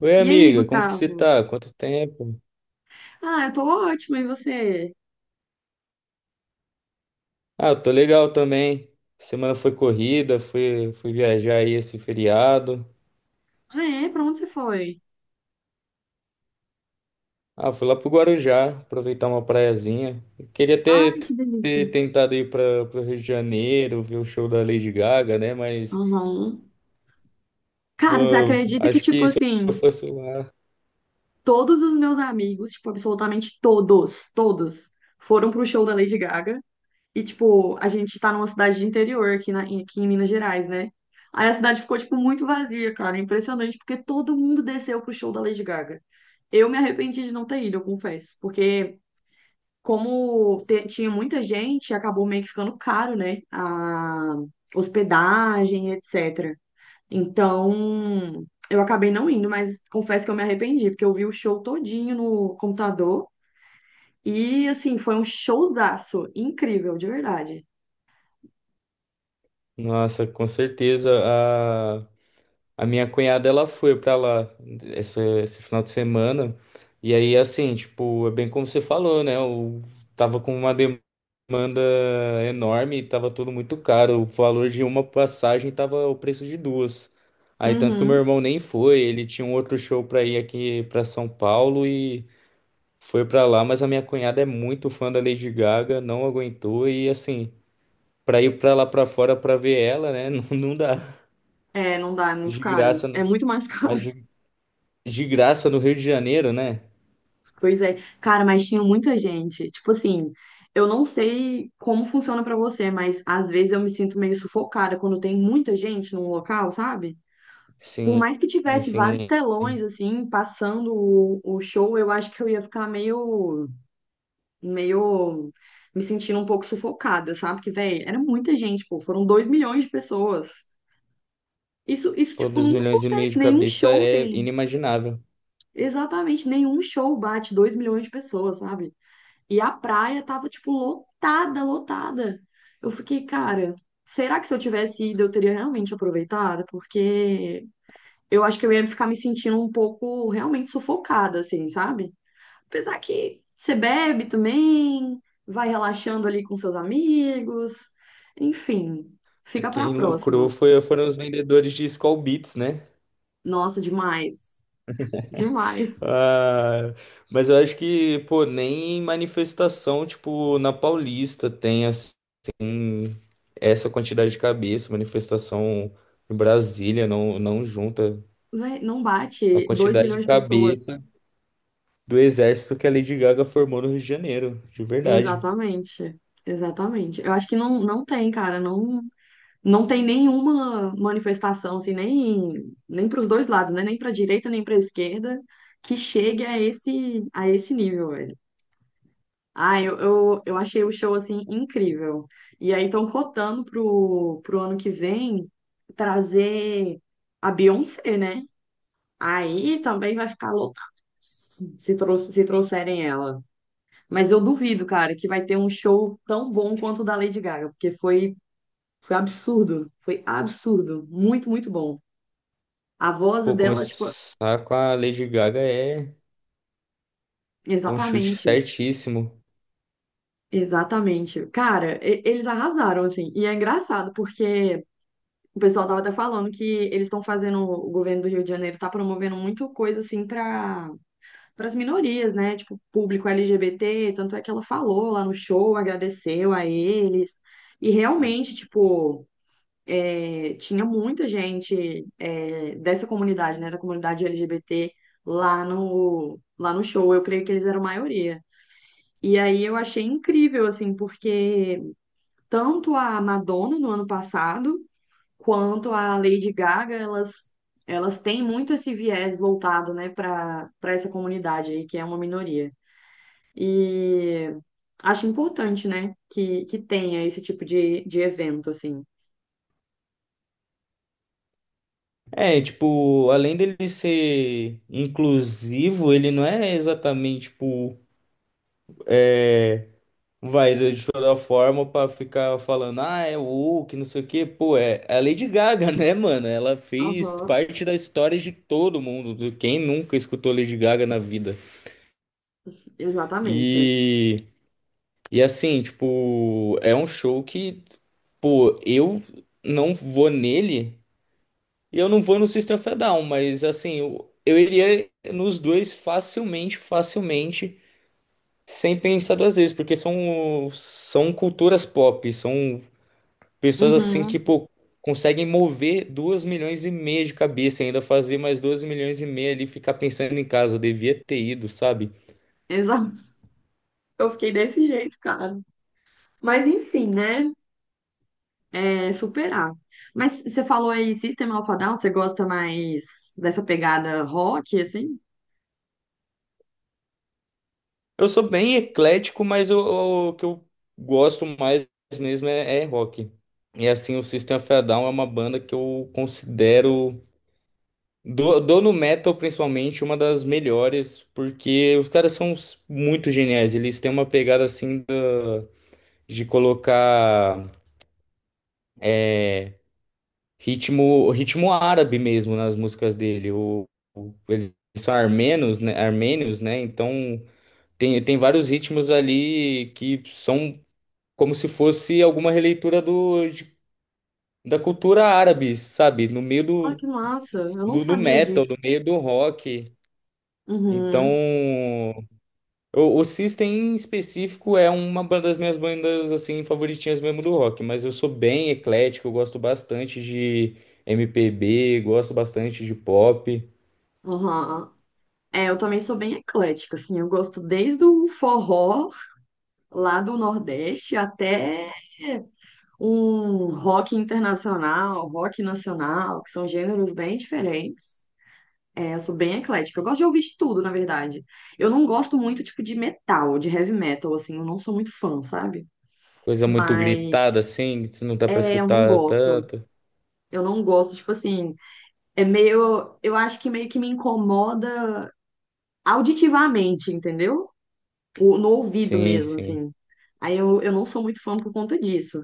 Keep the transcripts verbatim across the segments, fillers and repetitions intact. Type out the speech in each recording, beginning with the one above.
Oi, E aí, amiga, como que você Gustavo? tá? Quanto tempo? Ah, eu tô ótima, e você? Ah, eu tô legal também. Semana foi corrida, fui, fui viajar aí esse feriado. Ah, é? Pra onde você foi? Ah, fui lá pro Guarujá, aproveitar uma praiazinha. Eu queria Ai, que ter, delícia. ter tentado ir para pro Rio de Janeiro, ver o show da Lady Gaga, né? Mas Aham. Cara, você no- acredita que, acho tipo que se assim, eu fosse lá, todos os meus amigos, tipo, absolutamente todos, todos, foram pro show da Lady Gaga. E, tipo, a gente tá numa cidade de interior aqui, na, aqui em Minas Gerais, né? Aí a cidade ficou, tipo, muito vazia, cara. Impressionante, porque todo mundo desceu pro show da Lady Gaga. Eu me arrependi de não ter ido, eu confesso. Porque como te- tinha muita gente, acabou meio que ficando caro, né? A hospedagem, etcétera. Então, eu acabei não indo, mas confesso que eu me arrependi, porque eu vi o show todinho no computador e, assim, foi um showzaço incrível, de verdade. nossa, com certeza. A minha cunhada, ela foi pra lá essa- esse final de semana. E aí, assim, tipo, é bem como você falou, né? Eu tava com uma demanda enorme e tava tudo muito caro. O valor de uma passagem tava o preço de duas. Aí, tanto que o meu Uhum. irmão nem foi. Ele tinha um outro show pra ir aqui pra São Paulo e foi pra lá. Mas a minha cunhada é muito fã da Lady Gaga, não aguentou. E, assim, pra ir pra lá pra fora pra ver ela, né? Não, não dá. É, não dá, é muito De caro. graça, É não. muito mais caro. Mas de de graça no Rio de Janeiro, né? Pois é, cara, mas tinha muita gente. Tipo assim, eu não sei como funciona pra você, mas às vezes eu me sinto meio sufocada quando tem muita gente num local, sabe? Por Sim, mais que tivesse vários sim. telões assim passando o, o show, eu acho que eu ia ficar meio meio me sentindo um pouco sufocada, sabe? Porque, velho, era muita gente, pô, foram dois milhões de pessoas. Isso isso Pô, tipo dois nunca milhões e meio acontece, de nenhum cabeça show é tem. inimaginável. Exatamente, nenhum show bate dois milhões de pessoas, sabe? E a praia tava, tipo, lotada, lotada. Eu fiquei, cara, será que se eu tivesse ido eu teria realmente aproveitado? Porque eu acho que eu ia ficar me sentindo um pouco realmente sufocada, assim, sabe? Apesar que você bebe também, vai relaxando ali com seus amigos, enfim, E fica pra quem lucrou próxima. foi, foram os vendedores de Skol Beats, né? Nossa, demais, demais. Ah, mas eu acho que, pô, nem em manifestação, tipo, na Paulista tem as- essa quantidade de cabeça. Manifestação em Brasília não, não junta Véi, não a bate dois quantidade de milhões de pessoas. cabeça do exército que a Lady Gaga formou no Rio de Janeiro, de verdade. Exatamente. Exatamente. Eu acho que não, não tem, cara. Não, não tem nenhuma manifestação, assim, nem, nem para os dois lados, né? Nem para a direita, nem para a esquerda, que chegue a esse, a esse nível, velho. Ah, eu, eu, eu achei o show, assim, incrível. E aí estão cotando pro, pro ano que vem trazer a Beyoncé, né? Aí também vai ficar lotado se, trou se trouxerem ela. Mas eu duvido, cara, que vai ter um show tão bom quanto o da Lady Gaga, porque foi foi absurdo, foi absurdo, muito, muito bom. A voz Pô, dela, tipo, começar com a Lady Gaga é, é um chute exatamente, certíssimo. exatamente. Cara, e- eles arrasaram, assim, e é engraçado, porque o pessoal tava até falando que eles estão fazendo, o governo do Rio de Janeiro tá promovendo muito coisa, assim, para as minorias, né? Tipo, público L G B T, tanto é que ela falou lá no show, agradeceu a eles, e realmente, tipo. É, tinha muita gente, é, dessa comunidade, né, da comunidade L G B T lá no lá no show. Eu creio que eles eram a maioria. E aí eu achei incrível assim, porque tanto a Madonna no ano passado quanto a Lady Gaga, elas elas têm muito esse viés voltado, né, para para essa comunidade aí que é uma minoria. E acho importante, né, que que tenha esse tipo de de evento assim. É, tipo, além dele ser inclusivo, ele não é exatamente, tipo, é, vai de toda forma pra ficar falando, ah, é o que não sei o quê. Pô, é, é a Lady Gaga, né, mano? Ela fez Aham, parte da história de todo mundo, de quem nunca escutou Lady Gaga na vida. exatamente. E. E assim, tipo, é um show que, pô, eu não vou nele e eu não vou no System of a Down, mas assim, eu, eu iria nos dois facilmente, facilmente, sem pensar duas vezes, porque são, são culturas pop, são pessoas assim que, Uhum, pô, conseguem mover duas milhões e meia de cabeça, ainda fazer mais dois milhões e meia ali, e ficar pensando em casa, devia ter ido, sabe? exato. Eu fiquei desse jeito, cara. Mas enfim, né? É superar. Mas você falou aí, System of a Down, você gosta mais dessa pegada rock, assim? Eu sou bem eclético, mas o, o que eu gosto mais mesmo é, é rock. E assim, o System of a Down é uma banda que eu considero, do, do no metal principalmente, uma das melhores, porque os caras são s- muito geniais. Eles têm uma pegada assim da, de colocar ritmo, ritmo árabe mesmo nas músicas dele. O, o- eles são armenos, né? Armênios, né? Então. Tem, tem vários ritmos ali que são como se fosse alguma releitura do, de- da cultura árabe, sabe? No meio Ah, do, que massa. Eu não do, do sabia metal, no disso. meio do rock. Então, Uhum, o, o System em específico é uma ba- das minhas bandas, assim, favoritinhas mesmo do rock. Mas eu sou bem eclético, eu gosto bastante de M P B, gosto bastante de pop. uhum. É, eu também sou bem eclética, assim. Eu gosto desde o forró lá do Nordeste até um rock internacional, rock nacional, que são gêneros bem diferentes. É, eu sou bem eclética. Eu gosto de ouvir de tudo, na verdade. Eu não gosto muito, tipo, de metal, de heavy metal, assim. Eu não sou muito fã, sabe? Coisa muito Mas, gritada, assim, que não dá pra é, eu não escutar gosto. tanto. Eu não gosto, tipo assim. É meio. Eu acho que meio que me incomoda auditivamente, entendeu? O- no ouvido Sim, mesmo, sim. assim. Aí eu, eu não sou muito fã por conta disso.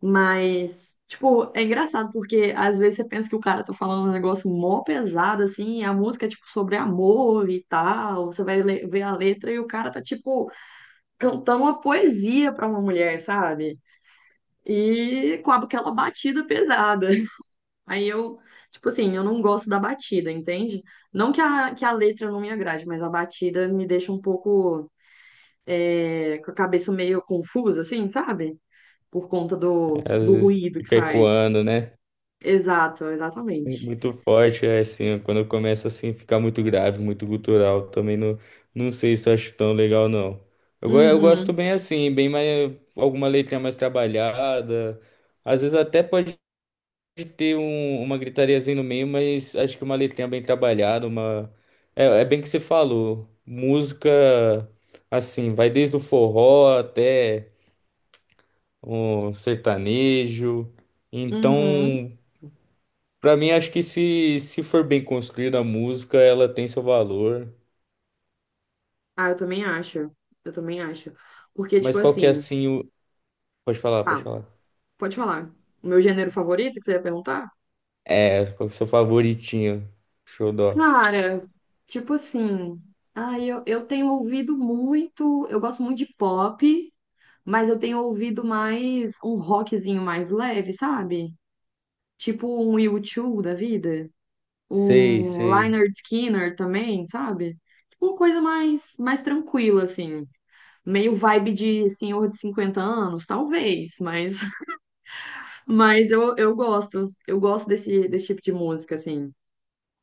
Mas, tipo, é engraçado porque às vezes você pensa que o cara tá falando um negócio mó pesado, assim, e a música é, tipo, sobre amor e tal. Você vai le- ver a letra e o cara tá, tipo, cantando uma poesia pra uma mulher, sabe? E com aquela batida pesada. Aí eu, tipo assim, eu não gosto da batida, entende? Não que a, que a letra não me agrade, mas a batida me deixa um pouco, é, com a cabeça meio confusa, assim, sabe? Por conta do, Às do vezes ruído que fica faz. ecoando, né? Exato, exatamente. Muito forte, é assim, quando começa assim, ficar muito grave, muito gutural, também não, não sei se eu acho tão legal, não. Eu, go- eu gosto Uhum, bem assim, bem mais, alguma letra mais trabalhada, às vezes até pode ter um- uma gritariazinha no meio, mas acho que uma letrinha bem trabalhada, uma... É, é bem que você falou, música, assim, vai desde o forró até o sertanejo, uhum. então... Pra mim, acho que se, se for bem construída a música, ela tem seu valor. Ah, eu também acho. Eu também acho. Porque, tipo Mas qual que é assim, assim o. Pode falar, pode fala, falar. pode falar. O meu gênero favorito que você ia perguntar? É, qual que é o seu favoritinho? Xodó. Cara, tipo assim, ah, eu, eu tenho ouvido muito, eu gosto muito de pop, mas eu tenho ouvido mais um rockzinho mais leve, sabe? Tipo um U dois da vida, Sei, um sei. Leonard Skinner também, sabe? Tipo uma coisa mais, mais tranquila, assim. Meio vibe de senhor de cinquenta anos, talvez, mas, mas eu, eu gosto. Eu gosto desse, desse tipo de música, assim.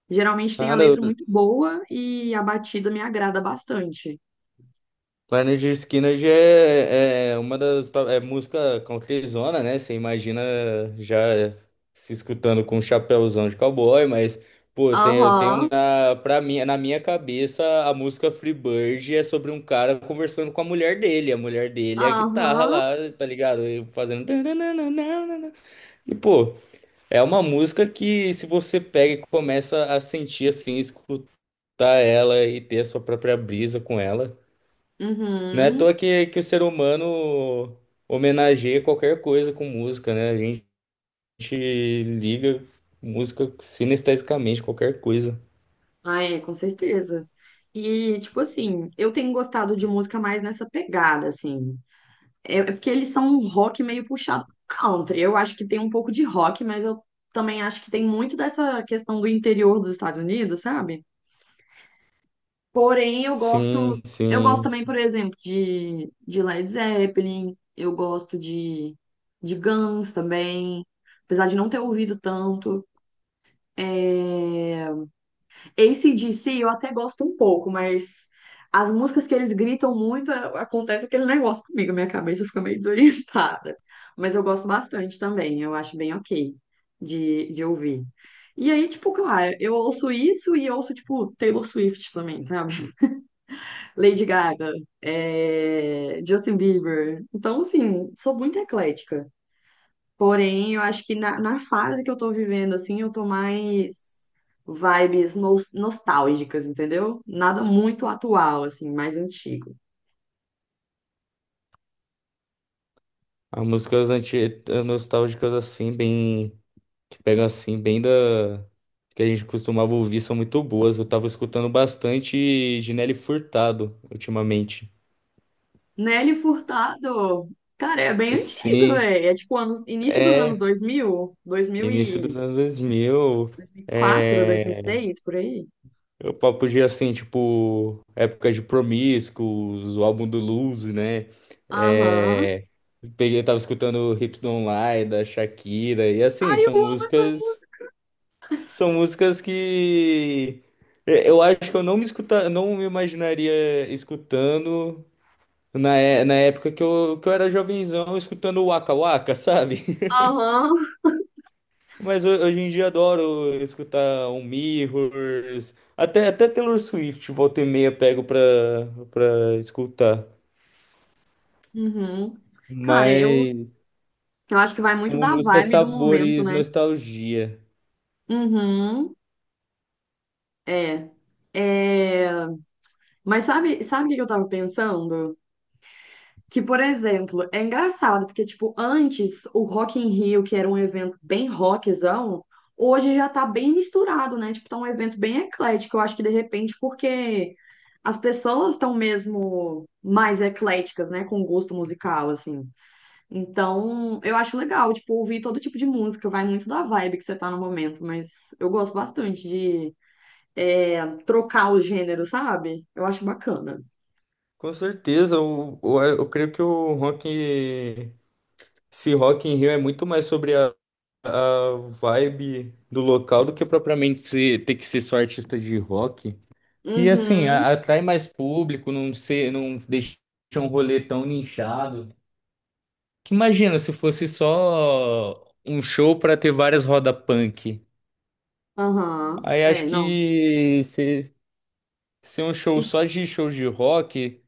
Geralmente tem a letra Nada, muito boa e a batida me agrada bastante. Planet Skinner já é, é é uma das to- é música countryzona, né? Você imagina já se escutando com um chapéuzão de cowboy, mas pô, eu tenho, eu tenho Aham, na para mim, na minha cabeça a música Freebird é sobre um cara conversando com a mulher dele, a mulher dele é a guitarra aham, lá, tá ligado? E fazendo tananana. E pô, é uma música que se você pega e começa a sentir assim, escutar ela e ter a sua própria brisa com ela. Não é à uhum. toa que, que o ser humano homenageia qualquer coisa com música, né? A gente liga música sinestesicamente, qualquer coisa. Ah, é, com certeza. E, tipo assim, eu tenho gostado de música mais nessa pegada, assim. É é porque eles são um rock meio puxado pro country. Eu acho que tem um pouco de rock, mas eu também acho que tem muito dessa questão do interior dos Estados Unidos, sabe? Porém, eu gosto, Sim, eu gosto sim. também, por exemplo, de, de Led Zeppelin, eu gosto de, de Guns também, apesar de não ter ouvido tanto. É... A C/D C eu até gosto um pouco, mas as músicas que eles gritam muito, a- acontece aquele negócio comigo, minha cabeça fica meio desorientada. Mas eu gosto bastante também, eu acho bem ok de, de ouvir. E aí, tipo, claro, eu ouço isso e ouço, tipo, Taylor Swift também, sabe? Lady Gaga, é, Justin Bieber. Então, assim, sou muito eclética. Porém, eu acho que na, na fase que eu tô vivendo, assim, eu tô mais vibes nos- nostálgicas, entendeu? Nada muito atual, assim, mais antigo. As músicas anti as nostálgicas, assim, bem. Que pegam assim, bem da. Que a gente costumava ouvir, são muito boas. Eu tava escutando bastante de Nelly Furtado ultimamente. Nelly Furtado, cara, é bem antigo, Sim, velho. É tipo anos, início dos anos é. dois mil, dois mil Início e dos anos dois mil. quatro, dois mil e É. seis, por aí. Eu pa- podia, assim, tipo, época de Promiscuous, o álbum do Lose, né? Aham. É, peguei, tava escutando Hips Don't Lie, da Shakira, e assim, Ai, eu são amo essa. músicas, são músicas que é, eu acho que eu não me escuta, não me imaginaria escutando na, é- na época que eu, que eu era jovenzão, escutando o Waka Waka, sabe? Aham. Mas ho- hoje em dia adoro escutar um Mirrors, até, até Taylor Swift, volta e meia pego pra, pra escutar. Uhum. Cara, eu Mas Eu acho que vai muito são da músicas vibe do momento, sabores né? nostalgia. Uhum, é. É. Mas sabe, sabe o que eu tava pensando? Que, por exemplo, é engraçado, porque, tipo, antes o Rock in Rio, que era um evento bem rockzão, hoje já tá bem misturado, né? Tipo, tá um evento bem eclético. Eu acho que, de repente, porque as pessoas estão mesmo mais ecléticas, né? Com gosto musical, assim. Então, eu acho legal, tipo, ouvir todo tipo de música, vai muito da vibe que você tá no momento, mas eu gosto bastante de é, trocar o gênero, sabe? Eu acho bacana. Com certeza, eu, eu, eu creio que o rock, esse Rock in Rio é muito mais sobre a, a vibe do local do que propriamente ser, ter que ser só artista de rock. E assim, Uhum, a- atrai mais público, não ser, não deixa um rolê tão nichado. Que imagina se fosse só um show pra ter várias roda punk. aham, Aí é, acho não. que se, se um show Isso- só de show de rock,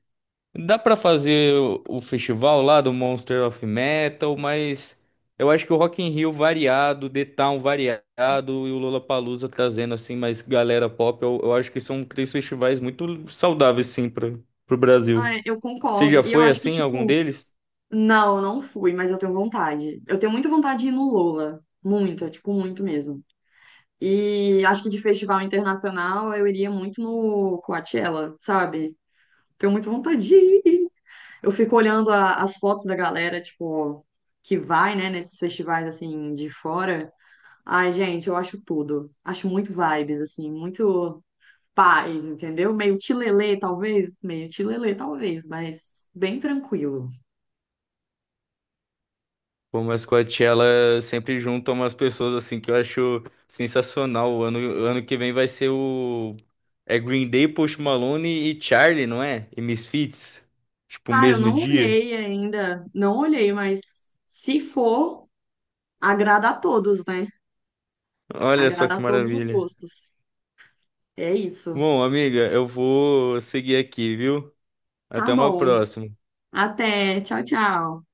dá pra fazer o, o festival lá do Monster of Metal, mas eu acho que o Rock in Rio variado, The Town variado e o Lollapalooza trazendo assim mais galera pop, eu, eu acho que são três festivais muito saudáveis sim para pro ah, Brasil. é, eu Você concordo. já E eu foi acho que, assim em algum tipo, deles? não, eu não fui, mas eu tenho vontade. Eu tenho muita vontade de ir no Lola. Muita, tipo, muito mesmo. E acho que de festival internacional eu iria muito no Coachella, sabe? Tenho muita vontade de ir. Eu fico olhando a- as fotos da galera, tipo, que vai, né, nesses festivais, assim, de fora. Ai, gente, eu acho tudo. Acho muito vibes, assim, muito paz, entendeu? Meio tilelê, talvez. Meio tilelê, talvez, mas bem tranquilo. Pô, mas Coachella sempre junta umas pessoas assim que eu acho sensacional. O ano, o ano que vem vai ser o. É Green Day, Post Malone e Charlie, não é? E Misfits. Tipo, Cara, eu mesmo não dia. olhei ainda, não olhei, mas se for, agrada a todos, né? Olha só Agrada que a todos os maravilha. gostos. É isso. Bom, amiga, eu vou seguir aqui, viu? Tá Até uma bom. próxima. Até. Tchau, tchau.